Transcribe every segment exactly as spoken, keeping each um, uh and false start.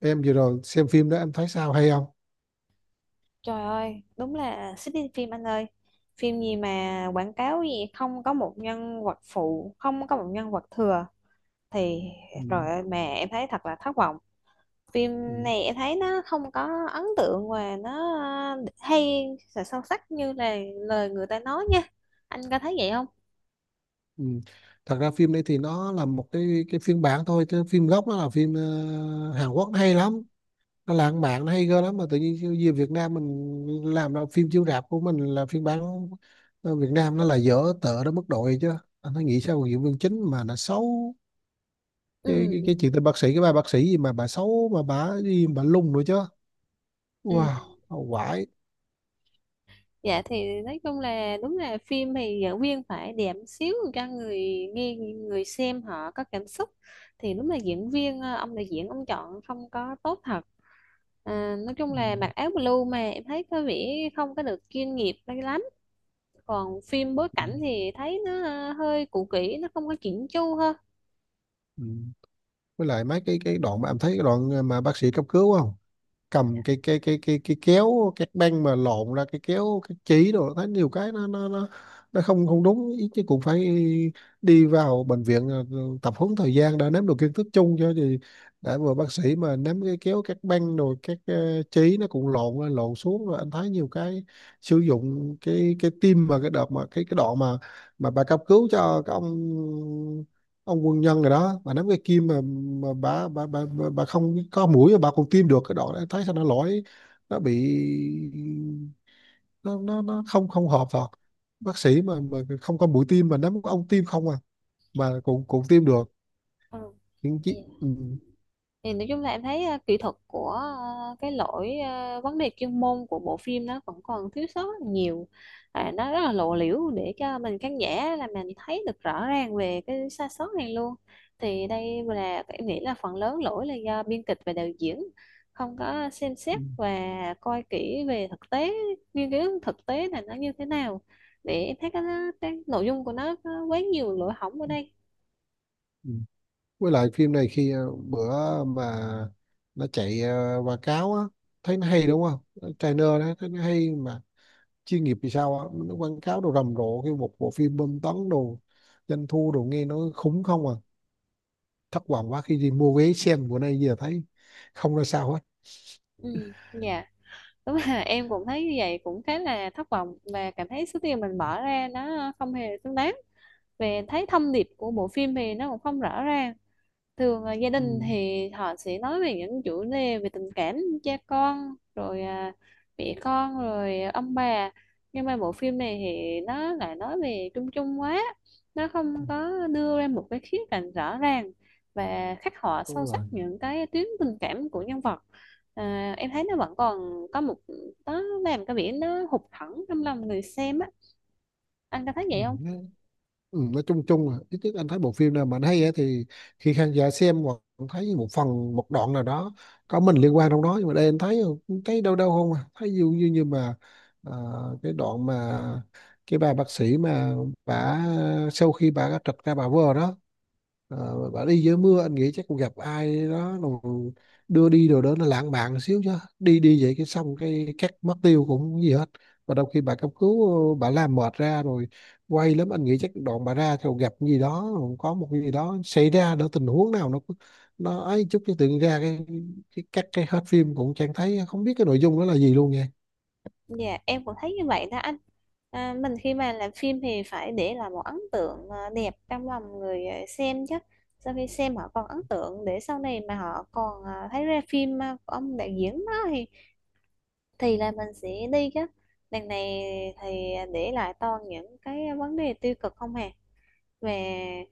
Em vừa rồi xem phim đó em thấy sao, hay không? Trời ơi, đúng là xích đi phim anh ơi. Phim gì mà quảng cáo gì không có một nhân vật phụ, không có một nhân vật thừa thì Ừ, rồi ơi, mà em thấy thật là thất vọng. Phim ừ, này em thấy nó không có ấn tượng và nó hay và sâu sắc như là lời người ta nói nha. Anh có thấy vậy không? ừ. Thật ra phim đấy thì nó là một cái cái phiên bản thôi, chứ phim gốc nó là phim ờ, Hàn Quốc nó hay lắm, nó lãng mạn nó hay ghê lắm. Mà tự nhiên về Việt Nam mình làm ra phim chiếu rạp của mình là phiên bản ờ, Việt Nam nó là dở tợ đến mức độ vậy chứ. Anh thấy nghĩ sao mà diễn viên chính mà nó xấu, cái, Ừ, cái, cái chuyện tên bác sĩ, cái bà bác sĩ gì mà bà xấu, mà bà gì mà bà lung nữa chứ. ừ. Wow, quải. Dạ thì nói chung là đúng là phim thì diễn viên phải đẹp xíu cho người nghe người xem họ có cảm xúc thì đúng là diễn viên ờ, ông đạo diễn ông chọn không có tốt thật. À, nói chung Ừ, là mặc áo blue mà em thấy có vẻ không có được chuyên nghiệp đây lắm. Còn phim bối ừ, cảnh thì thấy nó ờ, hơi cũ kỹ nó không có chỉnh chu hơn. ừ. Với lại mấy cái cái đoạn mà em thấy cái đoạn ờ, mà bác sĩ cấp cứu, không cầm cái cái cái cái cái kéo các băng mà lộn ra cái kéo, cái chỉ đồ, thấy nhiều cái nó nó nó nó không không đúng ý. Chứ cũng phải đi vào bệnh viện, ờ, ờ, tập huấn thời gian đã nắm được kiến thức chung cho thì đã vừa. Bác sĩ mà nắm cái kéo các băng rồi các ờ, chỉ nó cũng lộn lên lộn xuống. Rồi anh thấy nhiều cái sử dụng cái cái tim, mà cái đợt mà cái cái đoạn mà mà bà cấp cứu cho cái ông ông quân nhân rồi đó, bà nắm cái kim mà, mà bà, bà, bà bà bà không có mũi mà bà còn tiêm được, cái đó thấy sao nó lỗi, nó bị, nó nó, nó không không hợp thật. Bác sĩ mà mà không có mũi tiêm mà nắm có ông tiêm không à, mà cũng cũng tiêm được Ừ. những chi. Dạ. Ừ, Thì nói chung là em thấy ờ, kỹ thuật của ờ, cái lỗi ờ, vấn đề chuyên môn của bộ phim nó vẫn còn thiếu sót rất là nhiều. À, nó rất là lộ liễu để cho mình khán giả là mình thấy được rõ ràng về cái sai sót này luôn. Thì đây là em nghĩ là phần lớn lỗi là do biên kịch và đạo diễn không có xem ừ, xét và coi kỹ về thực tế, nghiên cứu thực tế là nó như thế nào, để em thấy cái, cái nội dung của nó có quá nhiều lỗ hổng ở ừ. đây. Ừ. Với lại phim này khi ờ, bữa mà nó chạy ờ, quảng cáo á, thấy nó hay đúng không, trailer đó thấy nó hay mà chuyên nghiệp. Thì sao á, nó quảng cáo đồ rầm rộ, kêu một bộ phim bom tấn đồ, doanh thu đồ nghe nó khủng không à. Thất vọng quá khi đi mua vé xem bữa nay, giờ thấy không ra sao hết. Ừ, dạ, đúng là em cũng thấy như vậy, cũng khá là thất vọng và cảm thấy số tiền mình bỏ ra nó không hề xứng đáng. Về thấy thông điệp của bộ phim thì nó cũng không rõ ràng. Thường là gia Ừ. đình thì họ sẽ nói về những chủ đề về tình cảm cha con rồi à, mẹ con rồi ông bà, nhưng mà bộ phim này thì nó lại nói về chung chung quá, nó Ừ, không có đưa ra một cái khía cạnh rõ ràng và khắc họa đúng sâu sắc rồi. những cái tuyến tình cảm của nhân vật. À, em thấy nó vẫn còn có một, nó làm cái vẻ nó hụt hẫng trong lòng người xem á, anh có thấy ừ. vậy không? nó- ừ, nói chung chung là ít nhất anh thấy bộ phim nào mà anh hay á thì khi khán giả xem hoặc thấy một phần, một đoạn nào đó có mình liên quan trong đó. Nhưng mà đây anh thấy, thấy đâu đâu không à, thấy dường như như mà à, cái đoạn mà cái bà bác sĩ mà bà sau khi bà trật ra bà vờ đó. Ờ, bà đi dưới mưa, anh nghĩ chắc cũng gặp ai đó rồi đưa đi đồ đó nó lãng mạn xíu chứ, đi đi vậy cái xong cái cắt mất tiêu cũng gì hết. Và đôi khi bà cấp cứu ờ, bà làm mệt ra rồi, quay lắm anh nghĩ chắc đoạn bà ra rồi gặp cái gì đó rồi, có một cái gì đó xảy ra đó, tình huống nào nó nó ấy chút cái tự nhiên ra cái cái cắt cái hết phim cũng chẳng thấy, không biết cái nội dung đó là gì luôn nha. Dạ, em cũng thấy như vậy đó anh. À, mình khi mà làm phim thì phải để lại một ấn tượng à, đẹp trong lòng người à, xem chứ. Sau khi xem họ còn ấn tượng để sau này mà họ còn à, thấy ra phim à, của ông đạo diễn đó thì thì là mình sẽ đi chứ. Đằng này thì để lại toàn những cái vấn đề tiêu cực, không hề về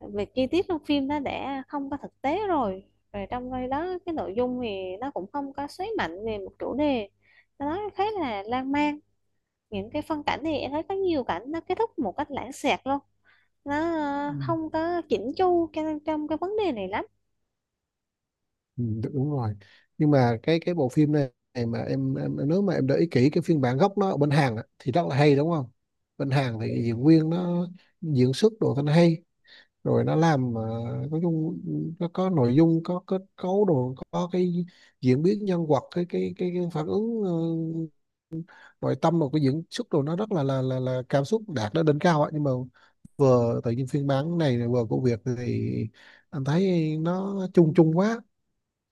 về chi tiết trong phim nó đã không có thực tế rồi. Rồi trong cái đó cái nội dung thì nó cũng không có xoáy mạnh về một chủ đề. Nó khá là lan man, những cái phân cảnh thì em thấy có nhiều cảnh nó kết thúc một cách lãng xẹt luôn, nó ờ, không có chỉnh chu cho nên trong cái vấn đề này lắm. Ừ, đúng rồi. Nhưng mà cái cái bộ phim này này mà em, em nếu mà em để ý kỹ cái phiên bản gốc nó ở bên Hàn á, thì rất là hay đúng không. Bên Hàn thì diễn viên nó diễn xuất đồ thanh hay, rồi nó làm mà nói chung nó có nội dung, có kết cấu đồ, có cái diễn biến nhân vật, cái cái cái, cái phản ứng ờ, nội tâm và cái diễn xuất đồ nó rất là là là, là cảm xúc đạt đến đỉnh cao ấy. Nhưng mà vừa tự nhiên phiên bản này vừa của Việt thì anh thấy nó chung chung quá,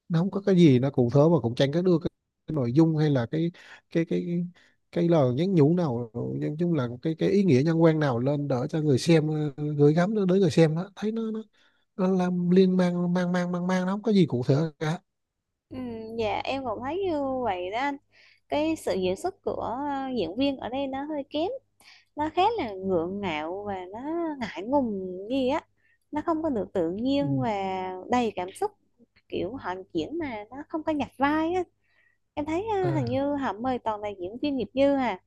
nó không có cái gì nó cụ thể, mà cũng chẳng có đưa cái, cái nội dung hay là cái cái cái cái, lời nhắn nhủ nào, nói chung là cái cái ý nghĩa nhân quan nào lên đỡ cho người xem ờ, gửi gắm nó đến người xem đó, thấy nó nó, nó làm liên mang mang mang mang mang nó không có gì cụ thể cả. Ừ, dạ em cũng thấy như vậy đó anh. Cái sự diễn xuất của ờ, diễn viên ở đây nó hơi kém, nó khá là gượng gạo và nó ngại ngùng gì á, nó không có được tự Ừ. nhiên và đầy cảm xúc, kiểu họ diễn mà nó không có nhặt vai á. Em thấy ờ, À, hình như họ mời toàn là diễn viên nghiệp dư, à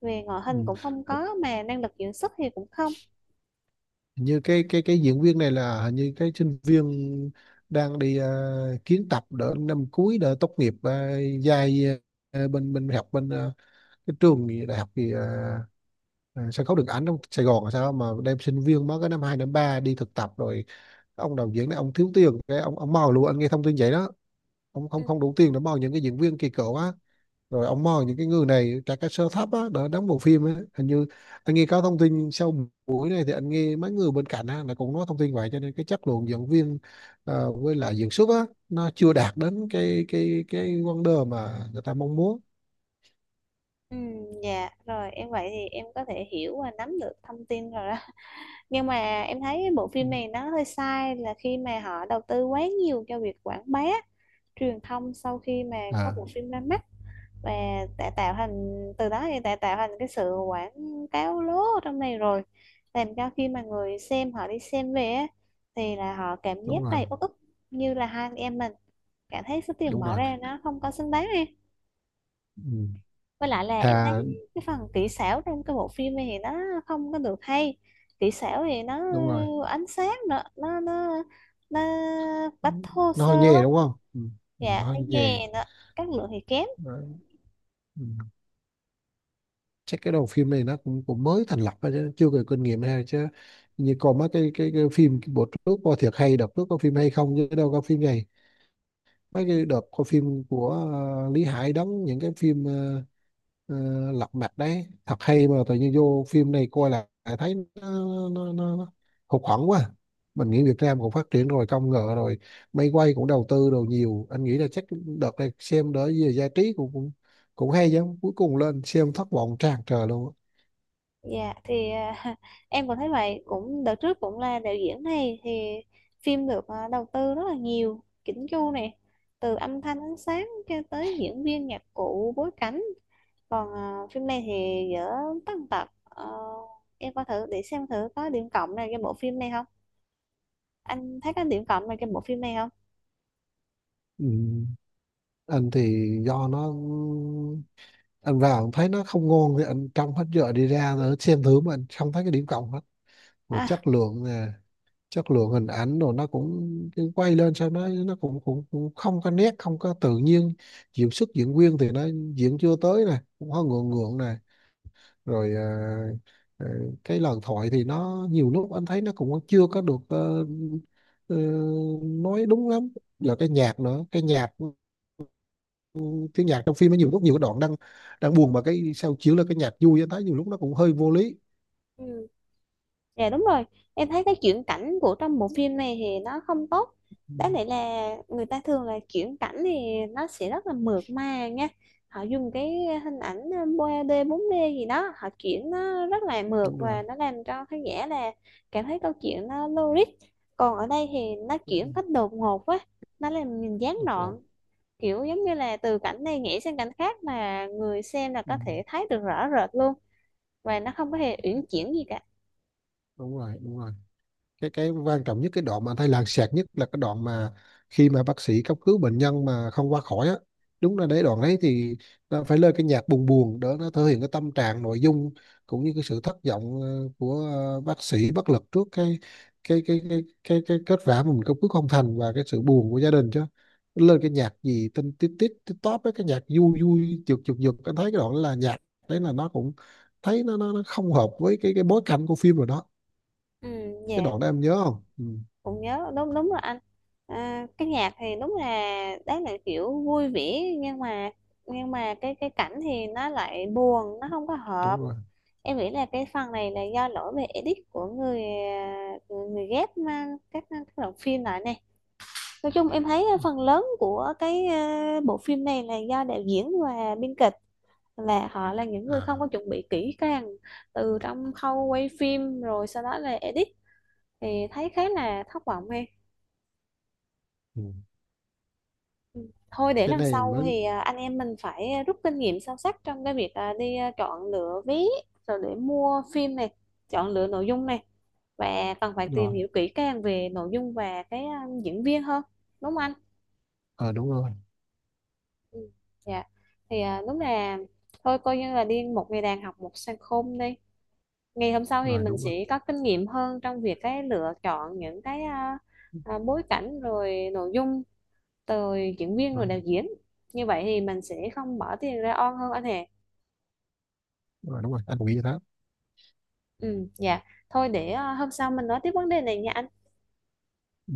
về ngoại hình cũng ừ. không có mà năng lực diễn xuất thì cũng không. Hình như cái cái cái diễn viên này là hình như cái sinh viên đang đi ờ, kiến tập đỡ năm cuối đỡ tốt nghiệp uh, dài ờ, bên bên học bên ờ, cái trường gì, đại học gì ờ, à, sân khấu điện ảnh trong Sài Gòn. Là sao mà đem sinh viên mới cái năm hai năm ba đi thực tập? Rồi ông đạo diễn này ông thiếu tiền cái ông ông mò luôn, anh nghe thông tin vậy đó. Ông Ừ, không không đủ tiền để mò những cái diễn viên kỳ cựu á, rồi ông mò những cái người này trả cái sơ thấp á để đóng bộ phim á, hình như anh nghe có thông tin sau buổi này thì anh nghe mấy người bên cạnh á là cũng nói thông tin vậy. Cho nên cái chất lượng diễn viên ờ, với lại diễn xuất á nó chưa đạt đến cái cái cái wonder mà người ta mong muốn. ừ, dạ rồi em vậy thì em có thể hiểu và nắm được thông tin rồi đó. Nhưng mà em thấy cái bộ Ừ. phim này nó hơi sai là khi mà họ đầu tư quá nhiều cho việc quảng bá truyền thông. Sau khi mà có À, bộ phim ra mắt và đã tạo thành, từ đó thì đã tạo thành cái sự quảng cáo lố ở trong này rồi, làm cho khi mà người xem họ đi xem về á, thì là họ cảm đúng giác rồi, đầy uất ức như là hai anh em mình, cảm thấy số tiền đúng bỏ rồi. ra nó không có xứng đáng. Ừ. Với lại là em Thà thấy cái phần kỹ xảo trong cái bộ phim này thì nó không có được hay, kỹ xảo thì nó đúng rồi. ánh sáng nữa nó nó nó Ừ. bắt thô Nó hơi sơ nhè quá. đúng không? Ừ. Ừ, Dạ nó hơi hay nhè. nghe nó chất lượng thì kém. Đấy. Ừ. Chắc cái đầu phim này nó cũng cũng mới thành lập thôi chứ chưa có kinh nghiệm hay chứ. Như còn mấy cái cái, cái phim bữa trước coi thiệt hay, đợt trước có phim hay, không chứ đâu có phim này. Mấy cái đợt coi phim của ờ, Lý Hải đóng những cái phim ờ, ờ, lật mặt đấy thật hay, mà tự nhiên vô phim này coi lại lại thấy nó, nó, nó, nó hụt hẫng quá. Mình nghĩ Việt Nam cũng phát triển rồi, công nghệ rồi máy quay cũng đầu tư đồ nhiều, anh nghĩ là chắc đợt này xem đỡ về giải trí cũng cũng cũng hay chứ, cuối cùng lên xem thất vọng tràn trề luôn. Dạ thì à, em còn thấy vậy, cũng đợt trước cũng là đạo diễn này thì phim được à, đầu tư rất là nhiều, chỉnh chu này, từ âm thanh, ánh sáng cho tới diễn viên, nhạc cụ, bối cảnh. Còn ờ, phim này thì dở tất tật. Ờ, em coi thử để xem thử có điểm cộng nào cho bộ phim này không, anh thấy có điểm cộng nào cho bộ phim này không? Ừ. Anh thì do nó, anh vào thấy nó không ngon thì anh trong hết giờ đi ra, rồi xem thử mà anh không thấy cái điểm cộng hết. Và chất À, lượng nè, chất lượng hình ảnh rồi nó cũng, cái quay lên sao nó nó cũng cũng, cũng không có nét, không có tự nhiên. Diễn xuất diễn viên thì nó diễn chưa tới nè, cũng hơi ngượng ngượng nè. Rồi à, à, cái lời thoại thì nó nhiều lúc anh thấy nó cũng chưa có được ờ, ờ, nói đúng lắm. Là cái nhạc nữa, cái nhạc, ừ, tiếng nhạc trong phim nó nhiều lúc nhiều cái đoạn đang đang buồn mà cái sao chiếu là cái nhạc vui, anh thấy nhiều lúc nó cũng hơi vô lý. ừ. Dạ đúng rồi, em thấy cái chuyển cảnh của trong bộ phim này thì nó không tốt. Ừ, Đáng lẽ là người ta thường là chuyển cảnh thì nó sẽ rất là mượt mà nha. Họ dùng cái hình ảnh ba đê, bốn đê gì đó, họ chuyển nó rất là mượt đúng rồi, và nó làm cho khán giả là cảm thấy câu chuyện nó logic. Còn ở đây thì nó đúng rồi, chuyển cách đột ngột quá, nó làm mình gián đúng rồi. đoạn. Kiểu giống như là từ cảnh này nhảy sang cảnh khác mà người xem là Ừ. có thể thấy được rõ rệt luôn. Và nó không có hề uyển chuyển gì cả. Đúng rồi, đúng rồi. Cái cái quan trọng nhất cái đoạn mà anh thấy làng xẹt nhất là cái đoạn mà khi mà bác sĩ cấp cứu bệnh nhân mà không qua khỏi á, đúng là đấy, đoạn đấy thì nó phải lên cái nhạc buồn buồn để nó thể hiện cái tâm trạng nội dung, cũng như cái sự thất vọng ờ, của ờ, bác sĩ bất lực trước cái cái cái cái cái, cái kết quả mà mình cấp cứu không thành, và cái sự buồn của gia đình chứ. Lên cái nhạc gì tinh tít tít tít tóp với cái nhạc vui vui giật giật giật, anh thấy cái đoạn đó là nhạc đấy là nó cũng, thấy nó nó, nó không hợp với cái cái bối cảnh của phim rồi đó. Ừ, Cái dạ. đoạn đó em nhớ không? Ừ, Cũng nhớ, đúng đúng rồi anh. À, cái nhạc thì đúng là đấy là kiểu vui vẻ, nhưng mà nhưng mà cái cái cảnh thì nó lại buồn, nó không có đúng hợp. rồi. Em nghĩ là cái phần này là do lỗi về edit của người à, người, ghép mà các à, các đoạn phim lại này. Nói chung em thấy Ừ. phần lớn của cái à, bộ phim này là do đạo diễn và biên kịch, là họ là những người không có À, chuẩn bị kỹ càng từ trong khâu quay phim rồi sau đó là edit, thì thấy khá là thất vọng em. ừ. Ừ. Thôi để Cái lần này sau mới. thì à, anh em mình phải à, rút kinh nghiệm sâu sắc trong cái việc à, đi à, chọn lựa vé rồi để mua phim này, chọn lựa nội dung này, và cần phải tìm Rồi. hiểu kỹ càng về nội dung và cái à, diễn viên hơn, đúng không anh? Ờ đúng rồi. Ừ. Dạ. Thì à, đúng là thôi coi như là đi một ngày đàn học một sân khôn đi. Ngày hôm sau thì Rồi, mình đúng rồi. sẽ có kinh nghiệm hơn trong việc cái lựa chọn những cái à, à, bối cảnh rồi nội dung, từ diễn viên rồi Rồi, đạo diễn, như vậy thì mình sẽ không bỏ tiền ra on hơn anh hè. rồi, đúng rồi, anh cũng nghĩ vậy đó. Ừ dạ, thôi để ờ, hôm sau mình nói tiếp vấn đề này nha anh. Ừ.